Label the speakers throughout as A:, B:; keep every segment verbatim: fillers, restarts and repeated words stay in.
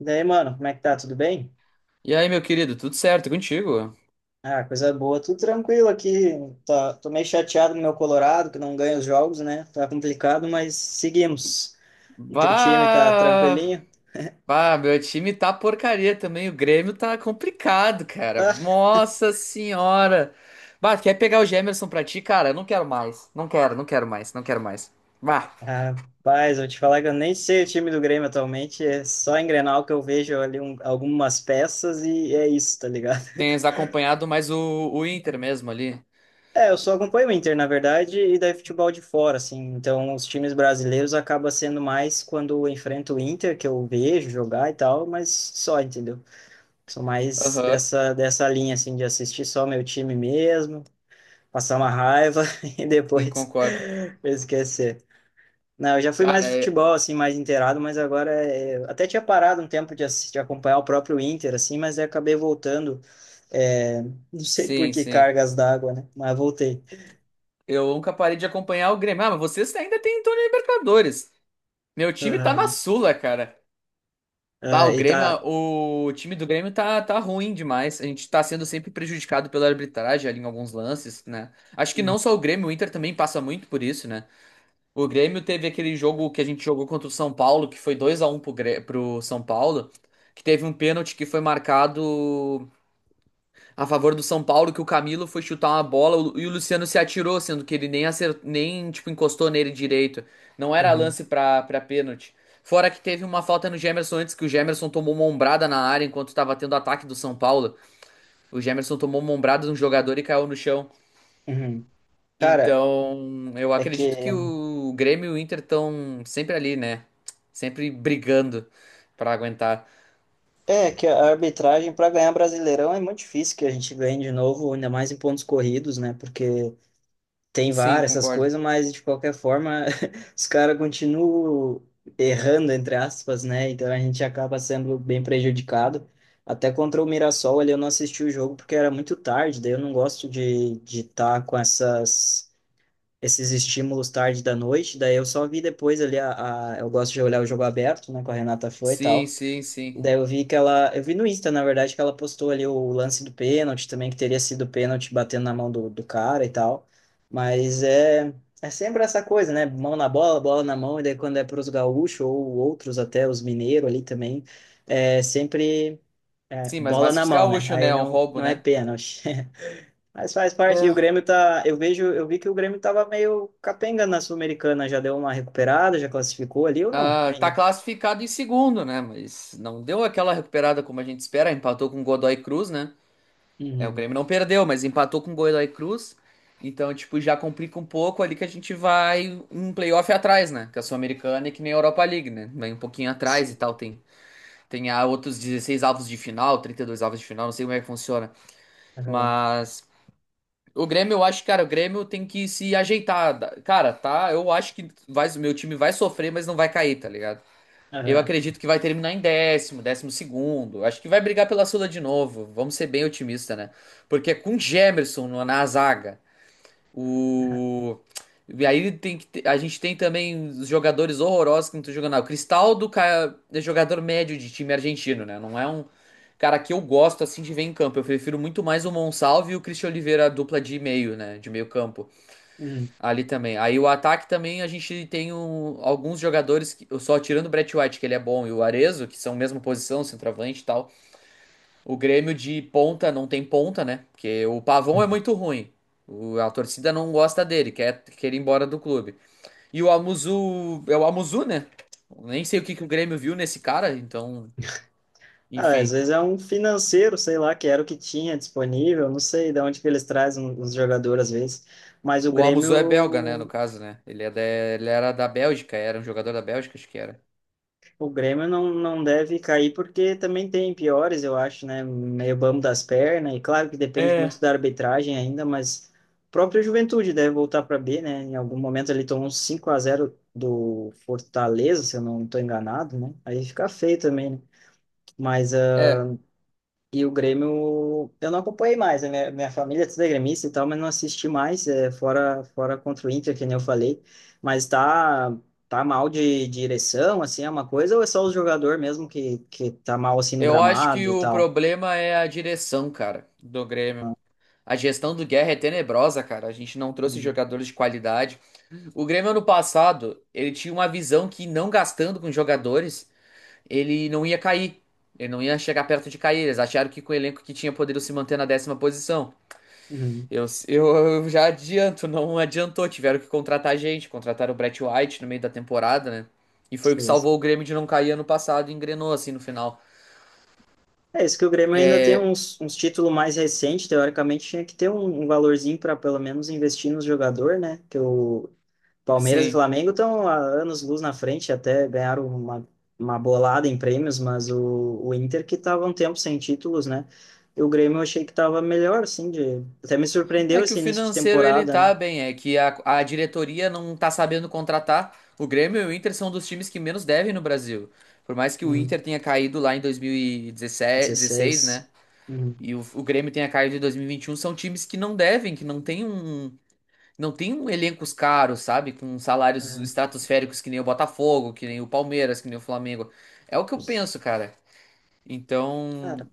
A: E daí, mano, como é que tá? Tudo bem?
B: E aí, meu querido, tudo certo contigo?
A: Ah, coisa boa, tudo tranquilo aqui. Tá, tô meio chateado no meu Colorado, que não ganha os jogos, né? Tá complicado, mas seguimos. E teu time tá
B: Bah!
A: tranquilinho?
B: Bah, meu time tá porcaria também. O Grêmio tá complicado, cara.
A: Ah,
B: Nossa senhora! Bah, quer pegar o Gemerson pra ti, cara? Eu não quero mais. Não quero, não quero mais, não quero mais. Bah,
A: rapaz, vou te falar que eu nem sei o time do Grêmio atualmente. É só em Grenal que eu vejo ali um- algumas peças e é isso, tá ligado?
B: tens acompanhado mais o, o Inter mesmo ali.
A: É, eu só acompanho o Inter, na verdade, e daí futebol de fora, assim. Então, os times brasileiros acaba sendo mais quando eu enfrento o Inter, que eu vejo jogar e tal, mas só, entendeu? Sou mais
B: Aham,
A: dessa, dessa linha, assim, de assistir só meu time mesmo, passar uma raiva e
B: sim,
A: depois
B: concordo.
A: esquecer. Não, eu já fui mais
B: Cara,
A: de
B: é...
A: futebol, assim, mais inteirado, mas agora é... eu até tinha parado um tempo de, assistir, de acompanhar o próprio Inter, assim, mas aí acabei voltando, é, não sei por
B: sim,
A: que
B: sim.
A: cargas d'água, né? Mas voltei.
B: Eu nunca parei de acompanhar o Grêmio. Ah, mas vocês ainda têm em torno da Libertadores. Meu time tá na
A: Aham.
B: Sula, cara. Bah,
A: Ah,
B: o
A: e
B: Grêmio,
A: tá...
B: o time do Grêmio tá, tá ruim demais. A gente tá sendo sempre prejudicado pela arbitragem ali em alguns lances, né? Acho que
A: hum,
B: não só o Grêmio, o Inter também passa muito por isso, né? O Grêmio teve aquele jogo que a gente jogou contra o São Paulo, que foi dois a um pro, Grê- pro São Paulo, que teve um pênalti que foi marcado a favor do São Paulo que o Camilo foi chutar uma bola e o Luciano se atirou, sendo que ele nem acer- nem tipo encostou nele direito. Não era
A: Uhum.
B: lance pra para pênalti. Fora que teve uma falta no Gemerson antes que o Gemerson tomou uma ombrada na área enquanto estava tendo ataque do São Paulo. O Gemerson tomou uma ombrada de um jogador e caiu no chão.
A: Uhum. Cara,
B: Então, eu
A: é que
B: acredito que o Grêmio e o Inter estão sempre ali, né? Sempre brigando pra aguentar.
A: é, que a arbitragem para ganhar Brasileirão é muito difícil que a gente ganhe de novo, ainda mais em pontos corridos, né? Porque tem
B: Sim,
A: VAR, essas
B: concordo.
A: coisas, mas de qualquer forma os caras continuam errando, entre aspas, né? Então a gente acaba sendo bem prejudicado. Até contra o Mirassol ali eu não assisti o jogo porque era muito tarde, daí eu não gosto de de estar com essas, esses estímulos tarde da noite, daí eu só vi depois ali, a, a- eu gosto de olhar o jogo aberto, né? Com a Renata foi e
B: Sim,
A: tal.
B: sim, sim.
A: Daí eu vi que ela. Eu vi no Insta, na verdade, que ela postou ali o lance do pênalti também, que teria sido pênalti batendo na mão do, do cara e tal. Mas é, é sempre essa coisa, né? Mão na bola, bola na mão, e daí quando é para os gaúchos ou outros, até os mineiros ali também, é sempre é,
B: Sim, mas
A: bola
B: mais
A: na
B: pros
A: mão, né?
B: gaúchos, né?
A: Aí
B: É um
A: não,
B: roubo,
A: não é
B: né?
A: pênalti. Mas faz parte, e o
B: É,
A: Grêmio tá. Eu vejo, eu vi que o Grêmio tava meio capenga na Sul-Americana, já deu uma recuperada, já classificou ali ou não?
B: ah, tá
A: Ainda.
B: classificado em segundo, né? Mas não deu aquela recuperada como a gente espera. Empatou com o Godoy Cruz, né? É, o
A: Uhum.
B: Grêmio não perdeu, mas empatou com o Godoy Cruz. Então, tipo, já complica um pouco ali que a gente vai um playoff atrás, né? Que a Sul-Americana é que nem a Europa League, né? Vem um pouquinho atrás e tal. Tem, tem ah, outros dezesseis avos de final, trinta e dois avos de final, não sei como é que funciona.
A: Aham.
B: Mas o Grêmio, eu acho, cara, o Grêmio tem que se ajeitar. Cara, tá? Eu acho que vai, o meu time vai sofrer, mas não vai cair, tá ligado? Eu
A: Aham.
B: acredito que vai terminar em décimo, décimo segundo. Acho que vai brigar pela Sula de novo. Vamos ser bem otimistas, né? Porque é com Gemerson no- na zaga, o. E aí tem que ter- a gente tem também os jogadores horrorosos que não estão jogando nada. O Cristaldo ca- é jogador médio de time argentino, né? Não é um cara que eu gosto assim de ver em campo. Eu prefiro muito mais o Monsalve e o Christian Oliveira, a dupla de meio, né? De meio campo.
A: Uhum.
B: Ali também. Aí o ataque também a gente tem um- alguns jogadores, que, só tirando o Brett White, que ele é bom, e o Arezzo, que são mesma posição, centroavante e tal. O Grêmio de ponta não tem ponta, né? Porque o Pavão é
A: Uhum.
B: muito ruim. O- a torcida não gosta dele, quer, quer ir embora do clube. E o Amuzu. É o Amuzu, né? Nem sei o que, que o Grêmio viu nesse cara, então.
A: Ah, às
B: Enfim.
A: vezes é um financeiro, sei lá, que era o que tinha disponível, não sei de onde que eles trazem os jogadores às vezes, mas o
B: O Amuzu é belga, né? No
A: Grêmio,
B: caso, né? Ele, é da- ele era da Bélgica, era um jogador da Bélgica, acho que era.
A: o Grêmio não, não deve cair porque também tem piores, eu acho, né? Meio bambo das pernas, e claro que depende muito da arbitragem ainda, mas o próprio Juventude deve voltar para B, né? Em algum momento ele tomou um cinco a zero do Fortaleza, se eu não estou enganado, né? Aí fica feio também, né? Mas
B: É,
A: E o Grêmio, eu não acompanhei mais, né? Minha, minha família é toda gremista e tal, mas não assisti mais, é, fora, fora contra o Inter, que nem eu falei. Mas tá, tá mal de, de direção, assim, é uma coisa, ou é só o jogador mesmo que, que tá mal, assim, no
B: eu acho que
A: gramado e
B: o
A: tal?
B: problema é a direção, cara, do Grêmio. A gestão do Guerra é tenebrosa, cara. A gente não trouxe
A: Uhum.
B: jogadores de qualidade. O Grêmio ano passado, ele tinha uma visão que não gastando com jogadores, ele não ia cair. Ele não ia chegar perto de cair. Eles acharam que com o elenco que tinha poderiam se manter na décima posição.
A: Uhum.
B: Eu, eu, eu já adianto, não adiantou. Tiveram que contratar gente, contrataram o Brett White no meio da temporada, né? E foi o que
A: Sim,
B: salvou
A: sim.
B: o Grêmio de não cair ano passado e engrenou assim no final.
A: É isso que o Grêmio ainda tem
B: É,
A: uns, uns títulos mais recentes, teoricamente tinha que ter um, um valorzinho para pelo menos investir no jogador, né? Que o, Palmeiras e
B: sim.
A: Flamengo estão há anos luz na frente, até ganharam uma, uma bolada em prêmios, mas o, o Inter que estava um tempo sem títulos, né? E o Grêmio eu achei que estava melhor, assim, de... até me surpreendeu
B: É que
A: esse
B: o
A: início de
B: financeiro ele
A: temporada,
B: tá
A: né?
B: bem, é que a, a diretoria não tá sabendo contratar. O Grêmio e o Inter são dos times que menos devem no Brasil. Por mais que o
A: Hum,
B: Inter tenha caído lá em dois mil e dezessete, dois mil e dezesseis, né?
A: dezesseis. Hum,
B: E o, o Grêmio tenha caído em dois mil e e vinte e um, são times que não devem, que não tem um, não tem um elencos caros, sabe? Com salários
A: é.
B: estratosféricos que nem o Botafogo, que nem o Palmeiras, que nem o Flamengo. É o que eu penso, cara. Então,
A: Cara,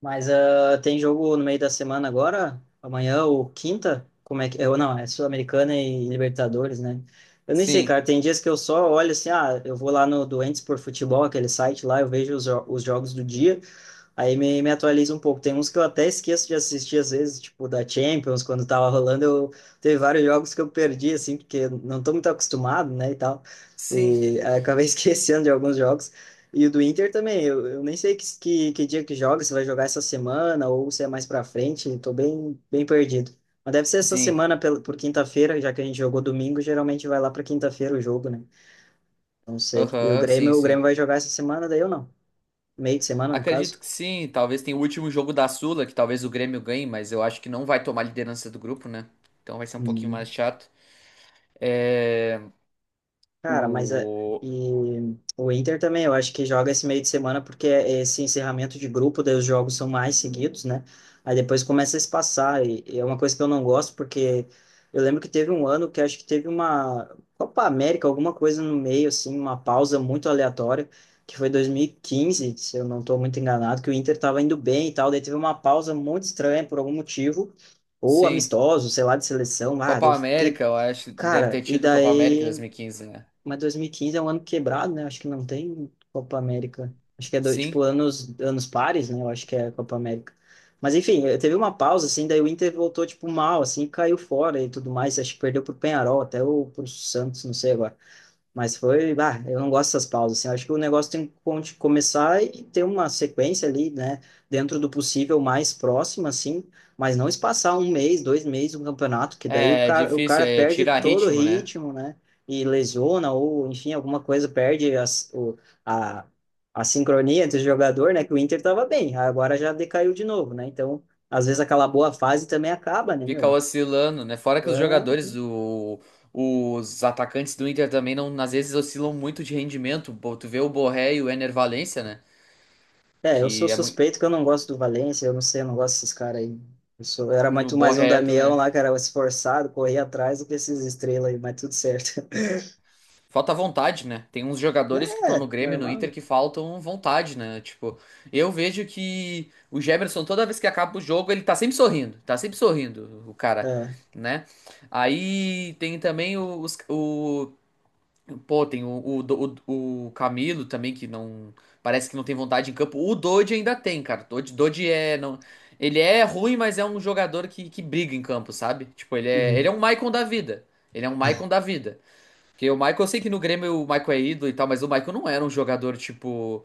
A: Mas ah, tem jogo no meio da semana agora? Amanhã ou quinta? Como é que. Eu, não, é Sul-Americana e Libertadores, né? Eu nem sei,
B: sim,
A: cara. Tem dias que eu só olho assim, ah, eu vou lá no Doentes por Futebol, aquele site lá, eu vejo os, jo- os jogos do dia. Aí me, me atualiza um pouco. Tem uns que eu até esqueço de assistir, às vezes, tipo da Champions, quando tava rolando, eu teve vários jogos que eu perdi, assim, porque não tô muito acostumado, né, e tal.
B: sim.
A: E aí acabei esquecendo de alguns jogos. E o do Inter também, eu, eu nem sei que, que, que dia que joga, se vai jogar essa semana ou se é mais pra frente, tô bem, bem perdido. Mas deve ser essa
B: Sim.
A: semana pel- por quinta-feira, já que a gente jogou domingo, geralmente vai lá pra quinta-feira o jogo, né? Não sei. E o
B: Aham, sim,
A: Grêmio, o Grêmio
B: sim.
A: vai jogar essa semana, daí eu não. Meio de semana, no
B: Acredito
A: caso.
B: que sim. Talvez tenha o último jogo da Sula, que talvez o Grêmio ganhe, mas eu acho que não vai tomar liderança do grupo, né? Então vai ser um pouquinho
A: Hum.
B: mais chato. É...
A: Cara, mas é,
B: O...
A: e o Inter também, eu acho que joga esse meio de semana porque é esse encerramento de grupo, daí os jogos são mais seguidos, né? Aí depois começa a se passar, e e é uma coisa que eu não gosto, porque eu lembro que teve um ano que acho que teve uma Copa América, alguma coisa no meio, assim, uma pausa muito aleatória, que foi dois mil e quinze, se eu não estou muito enganado, que o Inter estava indo bem e tal, daí teve uma pausa muito estranha por algum motivo, ou
B: Sim.
A: amistoso, sei lá, de seleção, ah,
B: Copa
A: eu fiquei,
B: América, eu acho. Deve
A: cara,
B: ter
A: e
B: tido Copa América em
A: daí.
B: dois mil e quinze, né?
A: Mas dois mil e quinze é um ano quebrado, né? Acho que não tem Copa América. Acho que é do-
B: Sim.
A: tipo anos, anos pares, né? Eu acho que é Copa América. Mas enfim, eh, teve uma pausa, assim, daí o Inter voltou, tipo, mal, assim, caiu fora e tudo mais. Acho que perdeu pro Penharol, até ou pro Santos, não sei agora. Mas foi, bah, eu não gosto dessas pausas, assim, eu acho que o negócio tem que con- começar e ter uma sequência ali, né, dentro do possível mais próxima, assim, mas não espaçar um mês, dois meses um campeonato, que daí o
B: É
A: cara, o
B: difícil,
A: cara
B: é
A: perde
B: tirar
A: todo o
B: ritmo, né?
A: ritmo, né, e lesiona, ou enfim, alguma coisa perde as, o, a, a sincronia entre o jogador, né, que o Inter tava bem, agora já decaiu de novo, né, então, às vezes aquela boa fase também acaba, né,
B: Fica
A: meu?
B: oscilando, né? Fora que os jogadores, o... os atacantes do Inter também, não, às vezes, oscilam muito de rendimento. Pô, tu vê o Borré e o Ener Valencia, né?
A: É, eu sou
B: Que é muito.
A: suspeito que eu não gosto do Valência, eu não sei, eu não gosto desses caras aí. Eu sou, eu, era
B: No
A: muito mais um
B: Borré
A: Damião
B: também.
A: lá, que era esforçado, corria atrás do que esses estrelas aí, mas tudo certo.
B: Falta vontade, né? Tem uns jogadores que estão no
A: É,
B: Grêmio, e no Inter,
A: normal.
B: que faltam vontade, né? Tipo, eu vejo que o Gemerson, toda vez que acaba o jogo, ele tá sempre sorrindo, tá sempre sorrindo, o cara,
A: É.
B: né? Aí tem também os, o, pô, tem o, o, o, o Camilo também, que não, parece que não tem vontade em campo. O Dodge ainda tem, cara. Dodge, Dodge é, não, ele é ruim, mas é um jogador que, que briga em campo, sabe? Tipo, ele é, ele é
A: Uhum.
B: um Maicon da vida. Ele é um Maicon da vida. Porque o Michael, eu sei que no Grêmio o Michael é ídolo e tal, mas o Michael não era um jogador tipo.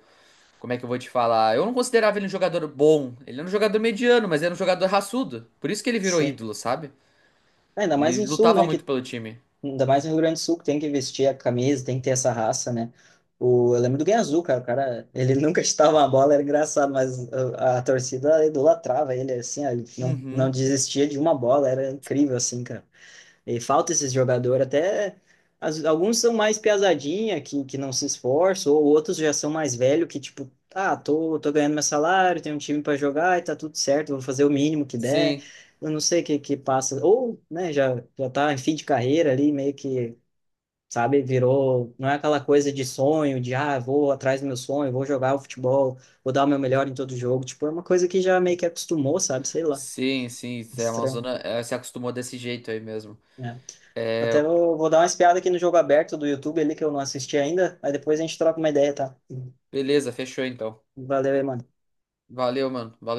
B: Como é que eu vou te falar? Eu não considerava ele um jogador bom. Ele era um jogador mediano, mas era um jogador raçudo. Por isso que ele virou
A: Sim.
B: ídolo, sabe?
A: É, ainda mais
B: Ele
A: no Sul,
B: lutava
A: né?
B: muito
A: Que,
B: pelo time.
A: ainda mais no Rio Grande do Sul, que tem que vestir a camisa, tem que ter essa raça, né? O, eu lembro do Guiazul, cara. O cara, ele nunca chutava uma bola, era engraçado, mas a, a torcida idolatrava ele, assim, ó, ele não, não
B: Uhum.
A: desistia de uma bola, era incrível, assim, cara. E falta esses jogadores, até as- alguns são mais piazadinha, que, que não se esforçam, ou outros já são mais velhos, que tipo, ah, tô, tô ganhando meu salário, tenho um time para jogar e tá tudo certo, vou fazer o mínimo que der.
B: Sim.
A: Eu não sei o que que passa. Ou, né, já, já tá em fim de carreira ali, meio que, sabe, virou. Não é aquela coisa de sonho, de ah, vou atrás do meu sonho, vou jogar o futebol, vou dar o meu melhor em todo jogo. Tipo, é uma coisa que já meio que acostumou, sabe? Sei lá,
B: Sim, sim. A
A: estranho.
B: Amazônia eh, se acostumou desse jeito aí mesmo.
A: É.
B: É,
A: Até vou, vou dar uma espiada aqui no jogo aberto do YouTube ali que eu não assisti ainda. Aí depois a gente troca uma ideia, tá?
B: beleza, fechou então.
A: Valeu aí, mano.
B: Valeu, mano. Valeu.